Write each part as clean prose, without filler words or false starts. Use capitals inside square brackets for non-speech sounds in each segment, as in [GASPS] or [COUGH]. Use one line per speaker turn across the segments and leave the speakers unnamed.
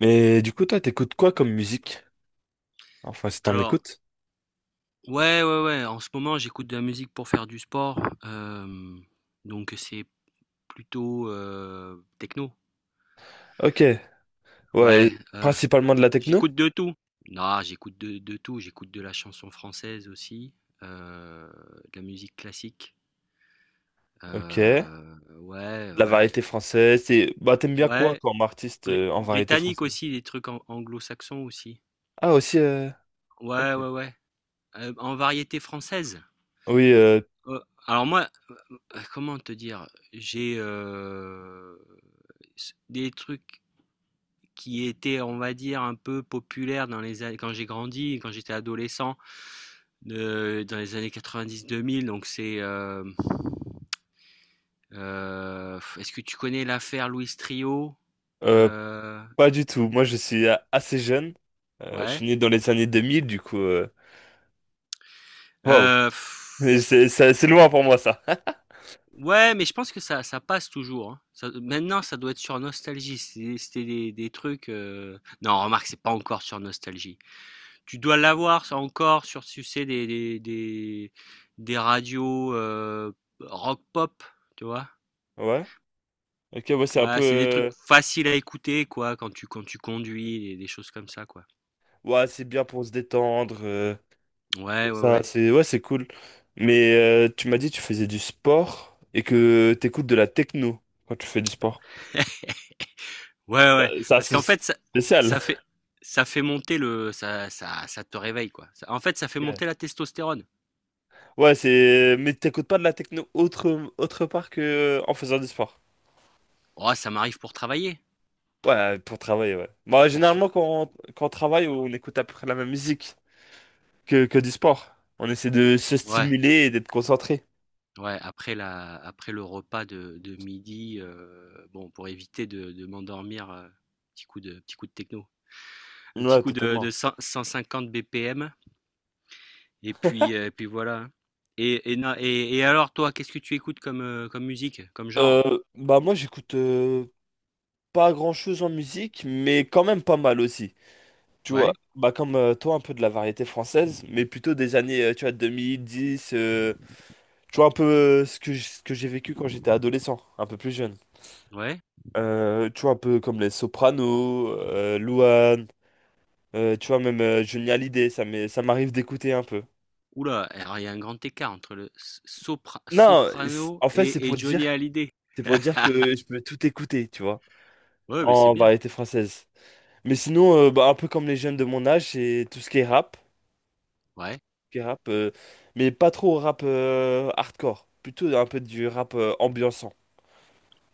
Mais du coup, toi, t'écoutes quoi comme musique? Enfin, si t'en
Alors,
écoutes.
ouais, ouais, ouais, en ce moment, j'écoute de la musique pour faire du sport, hem, donc c'est plutôt, techno.
Ok, ouais,
Ouais,
principalement de la techno.
j'écoute de tout. Non, j'écoute de tout, j'écoute de la chanson française aussi, heu, de la musique classique,
Ok, de
ouais,
la
ouais,
variété française. C'est, bah, t'aimes bien quoi
ouais,
comme artiste en variété
britannique
française?
aussi, des trucs an anglo-saxons aussi.
Ah, aussi,
Ouais,
ok.
ouais, ouais, en variété française?
Oui,
Heu, alors moi Comment te dire? J'ai, des trucs qui étaient, on va dire, un peu populaires dans les années quand j'ai grandi, quand j'étais adolescent, de dans les années 90 2000. Donc c'est, est-ce que tu connais l'affaire Louis Trio?
euh,
Heu,
pas du tout. Moi, je suis assez jeune. Je
ouais,
suis né dans les années 2000, du coup, waouh.
heu,
[LAUGHS] Mais c'est loin pour moi, ça. [LAUGHS]
ouais, mais je pense que ça passe toujours, hein. Ça maintenant, ça doit être sur Nostalgie, c'était des trucs, non, remarque, c'est pas encore sur Nostalgie. Tu dois l'avoir ça encore sur tu sais des radios, rock pop, tu vois?
Ouais, ok, ouais, c'est un peu.
Ouais, c'est des trucs faciles à écouter quoi quand tu conduis et des choses comme ça quoi.
Ouais, c'est bien pour se détendre.
Ouais, ouais,
Donc ça,
ouais.
c'est ouais, c'est cool. Mais tu m'as dit que tu faisais du sport et que t'écoutes de la techno quand tu fais du sport.
Ouais, ouais,
Ça,
parce
c'est
qu'en fait ça
spécial.
ça fait ça fait monter le ça te réveille quoi. Ça en fait ça fait
Ouais,
monter la testostérone.
ouais, c'est. Mais t'écoutes pas de la techno autre, autre part que en faisant du sport.
Oh, ça m'arrive pour travailler,
Ouais, pour travailler, ouais. Bah,
pour se
généralement, quand on travaille, on écoute à peu près la même musique que du sport. On essaie de se
ouais.
stimuler et d'être concentré.
Ouais, après le repas de midi, bon, pour éviter de m'endormir, petit coup de techno. Un petit
Ouais,
coup de
totalement.
cent 150 BPM et puis voilà, hein. Et na et alors toi, qu'est-ce que tu écoutes comme musique, comme genre?
Bah moi j'écoute pas grand-chose en musique, mais quand même pas mal aussi. Tu vois,
Ouais,
bah comme toi, un peu de la variété française, mais plutôt des années, tu vois, 2010, tu vois, un peu ce que, ce que j'ai vécu quand j'étais adolescent, un peu plus jeune.
ouais.
Tu vois, un peu comme les Sopranos, Louane, tu vois, même Johnny Hallyday, ça m'arrive d'écouter un peu.
Oula, alors il y a un grand écart entre le s sopra
Non, c'est-
soprano
en fait,
et Johnny Hallyday.
c'est pour dire que
[LAUGHS]
je peux tout écouter, tu vois,
Ouais, mais c'est
en
bien.
variété française. Mais sinon, bah, un peu comme les jeunes de mon âge, c'est tout ce qui est rap.
Ouais,
Qui rappe, mais pas trop rap hardcore, plutôt un peu du rap ambiançant.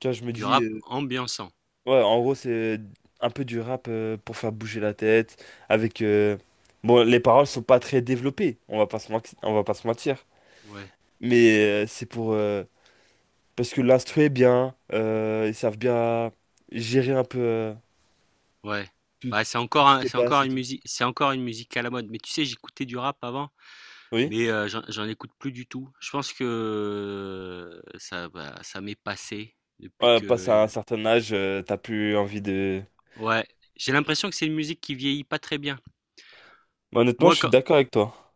Tu vois, je me
du
dis,
rap ambiançant.
ouais, en gros, c'est un peu du rap pour faire bouger la tête, avec... Bon, les paroles sont pas très développées, on va pas se mentir,
Ouais.
mais c'est pour... Parce que l'instru est bien, ils savent bien gérer un peu
Ouais.
tout,
Bah,
tout ce qui passe et tout.
c'est encore une musique à la mode. Mais tu sais, j'écoutais du rap avant,
Oui,
mais j'en écoute plus du tout. Je pense que ça m'est passé depuis
ouais, passe à un
que,
certain âge, t'as plus envie de...
ouais, j'ai l'impression que c'est une musique qui vieillit pas très bien.
Bah, honnêtement, je
Moi,
suis d'accord avec toi.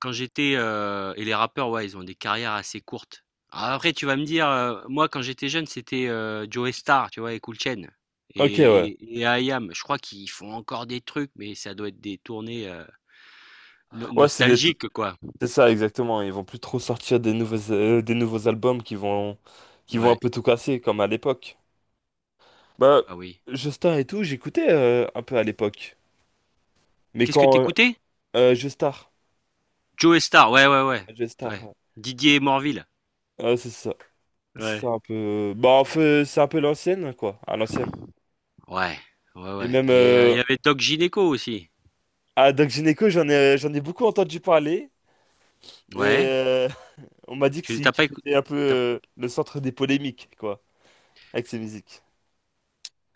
et les rappeurs, ouais, ils ont des carrières assez courtes. Alors après, tu vas me dire, moi, quand j'étais jeune, c'était, Joey Starr, tu vois? Et Kool Chain
Ok,
et
ouais.
et IAM. Je crois qu'ils font encore des trucs, mais ça doit être des tournées, no
Ouais, c'est des,
nostalgiques, quoi.
c'est ça, exactement. Ils vont plus trop sortir des nouveaux albums qui vont un
Ouais,
peu tout casser, comme à l'époque. Bah,
ah oui.
Joestar et tout, j'écoutais un peu à l'époque. Mais
Qu'est-ce que
quand...
t'écoutais écoutais?
Joestar.
Joe Star, ouais, ouais, ouais,
Joestar,
ouais.
ouais.
Didier Morville.
Ouais, c'est ça. C'est
Ouais.
un peu... Bah, en fait, c'est un peu l'ancienne, quoi. À l'ancienne.
Ouais, ouais,
Et
ouais
même...
et il
Euh,
y avait Doc Gineco aussi.
à Doc Gynéco, j'en ai beaucoup entendu parler. Et
Ouais.
[LAUGHS] on m'a dit que
Tu t'as pas
qu'il
écou
était un peu
t'as
le centre des polémiques, quoi. Avec ses musiques.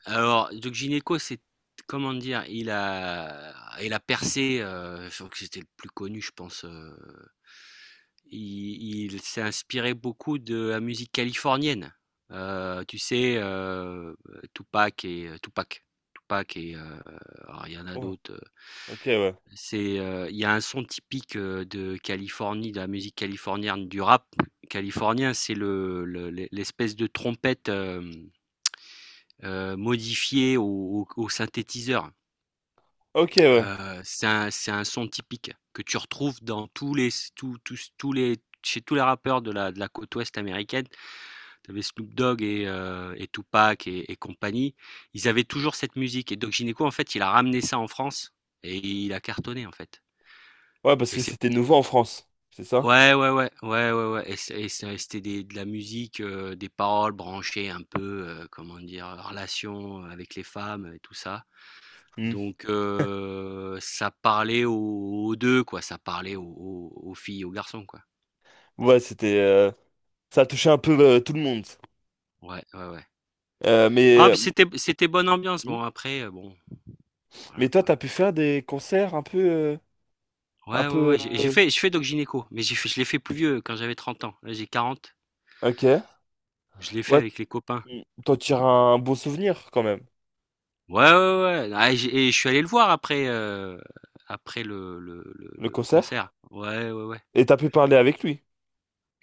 Alors Doc Gineco, c'est comment dire? Il a percé, je crois que c'était le plus connu, je pense. Il s'est inspiré beaucoup de la musique californienne. Tu sais, Tupac Tupac et euh, alors, il y
Ouais. Ok, ouais.
c'est, il y a un son typique, de Californie, de la musique californienne, du rap californien. C'est l'espèce de trompette, modifiée au synthétiseur.
Ok, ouais.
C'est un son typique que tu retrouves dans tous les tous tous tous les chez tous les rappeurs de la côte ouest américaine. Tu avais Snoop Dogg et Tupac et compagnie. Ils avaient toujours cette musique et Doc Gynéco, en fait, il a ramené ça en France et il a cartonné, en fait
Ouais, parce
et
que
c'est
c'était nouveau en France, c'est ça?
ouais, ouais, ouais, ouais, ouais, ouais. Et c'est c'était des de la musique, des paroles branchées un peu, comment dire? Relations avec les femmes et tout ça.
Hmm.
Donc, ça parlait aux deux quoi, ça parlait aux filles, aux garçons quoi.
Ouais, c'était ça a touché un peu tout le monde.
Ouais, ouais, ouais. Ah,
Mais
puis c'était bonne ambiance.
hmm.
Bon après, bon voilà
Mais toi,
quoi.
t'as pu faire des concerts un peu un
Ouais, ouais,
peu
ouais, j'ai
euh,
fait je fais doc-gynéco, mais j'ai fait je l'ai fait plus vieux quand j'avais 30 ans. Là j'ai 40
ok.
Je l'ai fait
Ouais,
avec les copains.
hmm. T'en tires un beau souvenir quand même,
Ouais, ouais, ouais, ouais. Ah, et j'ai et je suis allé le voir après
le
le concert.
concert.
Ouais, ouais, ouais.
Et t'as pu parler avec lui.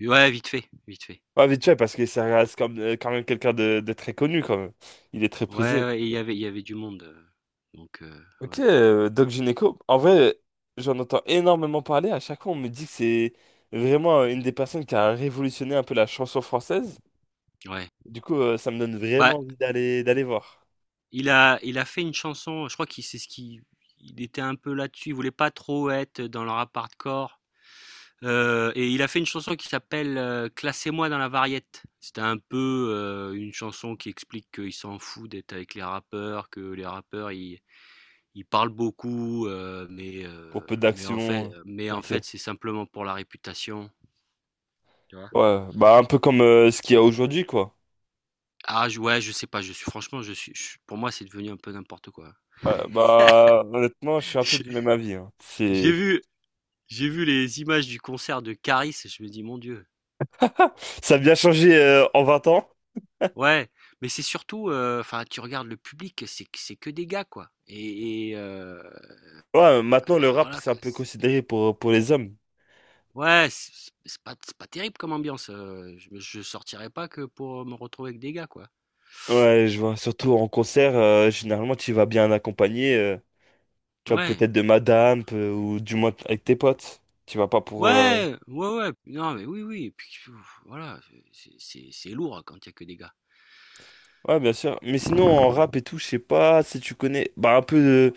Ouais, vite fait, vite fait.
Ouais, vite fait, parce que ça reste comme, quand même quelqu'un de très connu quand même. Il est très
Ouais,
prisé.
ouais. Et il y avait du monde, ouais.
Ok, Doc Gynéco. En vrai, j'en entends énormément parler. À chaque fois, on me dit que c'est vraiment une des personnes qui a révolutionné un peu la chanson française.
Ouais.
Du coup, ça me donne
Bah,
vraiment envie d'aller voir.
Il a fait une chanson. Je crois qu'il c'est ce qui, Il était un peu là-dessus, il voulait pas trop être dans le rap hardcore. Et il a fait une chanson qui s'appelle, Classez-moi dans la variette. C'était un peu, une chanson qui explique qu'il s'en fout d'être avec les rappeurs, que les rappeurs ils parlent beaucoup,
Pour peu d'action.
mais en
Ok.
fait c'est simplement pour la réputation. Tu vois?
Ouais, bah un peu comme ce qu'il y a aujourd'hui, quoi.
Ah, ouais, je sais pas, je suis franchement, pour moi c'est devenu un peu n'importe quoi.
Ouais, bah honnêtement, je suis
[LAUGHS]
un peu
J'ai
du même avis, hein.
j'ai
C'est
vu, J'ai vu les images du concert de Caris et je me dis, mon Dieu.
ça a bien changé en 20 ans.
Ouais, mais c'est surtout, enfin, tu regardes le public, c'est que des gars, quoi. Et,
Ouais, maintenant
enfin,
le rap
voilà,
c'est un
quoi.
peu considéré pour les hommes.
Ouais, c'est pas terrible comme ambiance. Je sortirais pas que pour me retrouver avec des gars, quoi.
Ouais, je vois. Surtout en concert, généralement tu vas bien accompagné. Tu vois
Ouais,
peut-être de madame ou du moins avec tes potes. Tu vas pas pour.
ouais, ouais, ouais. Non, mais oui, oui. Et puis, voilà, c'est lourd quand il y a que des gars.
Ouais, bien sûr. Mais sinon en rap et tout, je sais pas si tu connais. Bah un peu.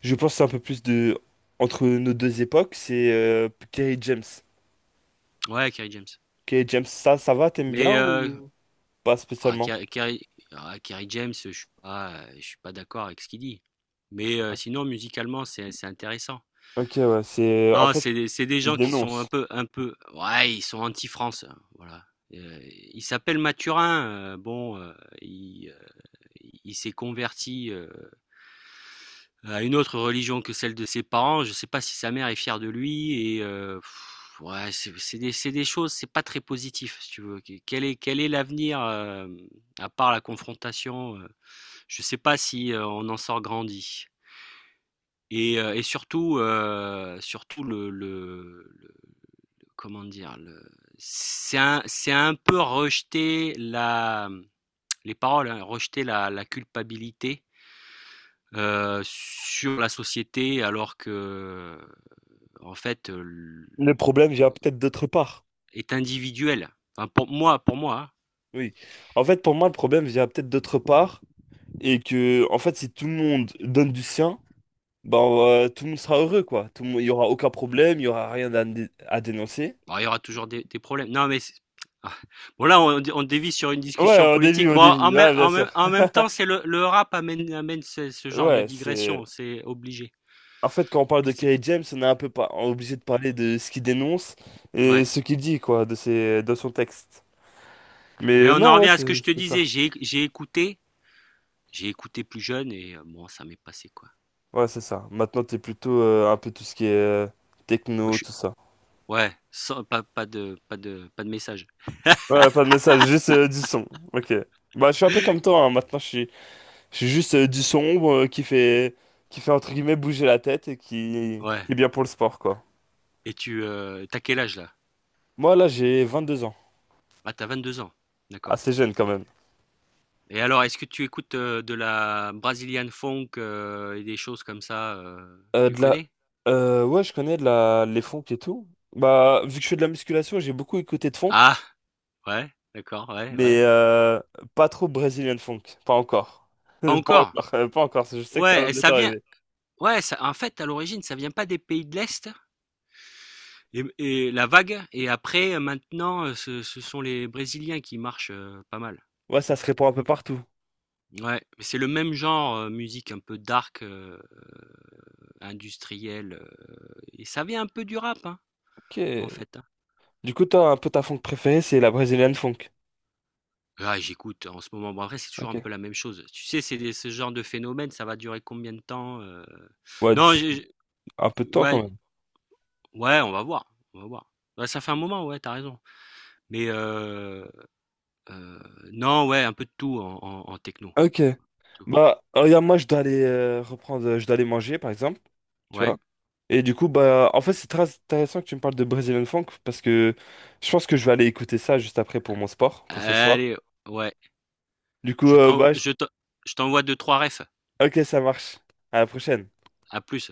Je pense que c'est un peu plus de entre nos deux époques, c'est Kerry James.
Ouais, Kerry James.
Kerry James, ça va, t'aimes bien
Mais euh,
ou pas
Ah,
spécialement?
Kerry James, je suis pas d'accord avec ce qu'il dit. Mais sinon, musicalement, c'est intéressant.
Ok, ouais, c'est en
Non,
fait,
c'est des
il
gens qui sont
dénonce.
un peu, ouais, ils sont anti-France, hein, voilà. Euh, il s'appelle Mathurin, bon, il, euh, il s'est converti, à une autre religion que celle de ses parents, je sais pas si sa mère est fière de lui et ouais, c'est des choses, c'est pas très positif, si tu veux. Quel est l'avenir, à part la confrontation? Je sais pas si, on en sort grandi. Surtout le, comment dire? Le C'est un peu rejeter la, les paroles, hein, rejeter la culpabilité, sur la société, alors que, en fait,
Le problème vient peut-être d'autre part.
est individuel. Enfin pour moi, pour moi, hein.
Oui. En fait, pour moi, le problème vient peut-être d'autre part et que, en fait, si tout le monde donne du sien, ben, tout le monde sera heureux, quoi. Tout le monde, il y aura aucun problème, il y aura rien à, à dénoncer.
Bon, il y aura toujours des problèmes. Non mais c'est ah, bon là, on dévie sur une
Ouais,
discussion politique.
au
Bon,
début, ouais, bien sûr.
en même temps c'est le rap amène ce genre de
Ouais, c'est
digression, c'est obligé.
en fait, quand on parle de
Que c'est
Kerry James, on est un peu pas obligé de parler de ce qu'il dénonce et
Ouais.
ce qu'il dit, quoi, de ses, de son texte. Mais
Mais on en
non, ouais,
revient à ce
c'est
que je te
c'est
disais,
ça.
j'ai écouté plus jeune et bon ça m'est passé quoi.
Ouais, c'est ça. Maintenant, t'es plutôt un peu tout ce qui est
Moi
techno,
je suis
tout ça.
Ouais, sans pas de message.
Ouais, pas de message, juste du son. Ok. Bah, je suis un peu
[GASPS]
comme toi, hein. Maintenant, je suis juste du sombre qui fait, entre guillemets, bouger la tête et
[LAUGHS] Ouais.
qui est bien pour le sport, quoi.
Et tu t'as quel âge là?
Moi, là, j'ai 22 ans.
Ah, t'as 22 ans. D'accord.
Assez jeune, quand même.
Et alors, est-ce que tu écoutes, de la Brazilian funk, et des choses comme ça, tu
De la...
connais?
ouais, je connais de la... les funk et tout. Bah, vu que je fais de la musculation, j'ai beaucoup écouté de funk,
Ah, ouais, d'accord, ouais,
mais
ouais.
pas trop brésilien funk. Pas encore. [LAUGHS]
Pas
Pas
encore.
encore, pas encore. Je sais que ça va
Ouais, et
bientôt
ça vient.
arriver.
Ouais, ça, en fait, à l'origine, ça vient pas des pays de l'Est et la vague. Et après, maintenant, ce sont les Brésiliens qui marchent, pas mal.
Ouais, ça se répand un peu partout.
Ouais, mais c'est le même genre, musique un peu dark, industrielle, et ça vient un peu du rap, hein.
Ok.
En fait, hein?
Du coup, toi, un peu ta funk préférée, c'est la brésilienne funk.
Ah, j'écoute en ce moment. Bon, après, c'est toujours un
Ok.
peu la même chose. Tu sais, c'est des ce genre de phénomène, ça va durer combien de temps?
Ouais,
Non, j'ai
un peu de toi quand
ouais,
même.
ouais, on va voir, on va voir. Ouais, ça fait un moment, ouais, t'as raison. Mais heu, non, ouais, un peu de tout en techno,
Ok.
tout.
Bah, regarde, moi, je dois aller je dois aller manger, par exemple. Tu vois.
Ouais.
Et du coup, bah, en fait, c'est très intéressant que tu me parles de Brazilian Funk parce que je pense que je vais aller écouter ça juste après pour mon sport, pour ce soir.
Allez, ouais.
Du coup,
Je t'en je t'en je t'envoie deux, trois refs.
ok, ça marche. À la prochaine.
À plus.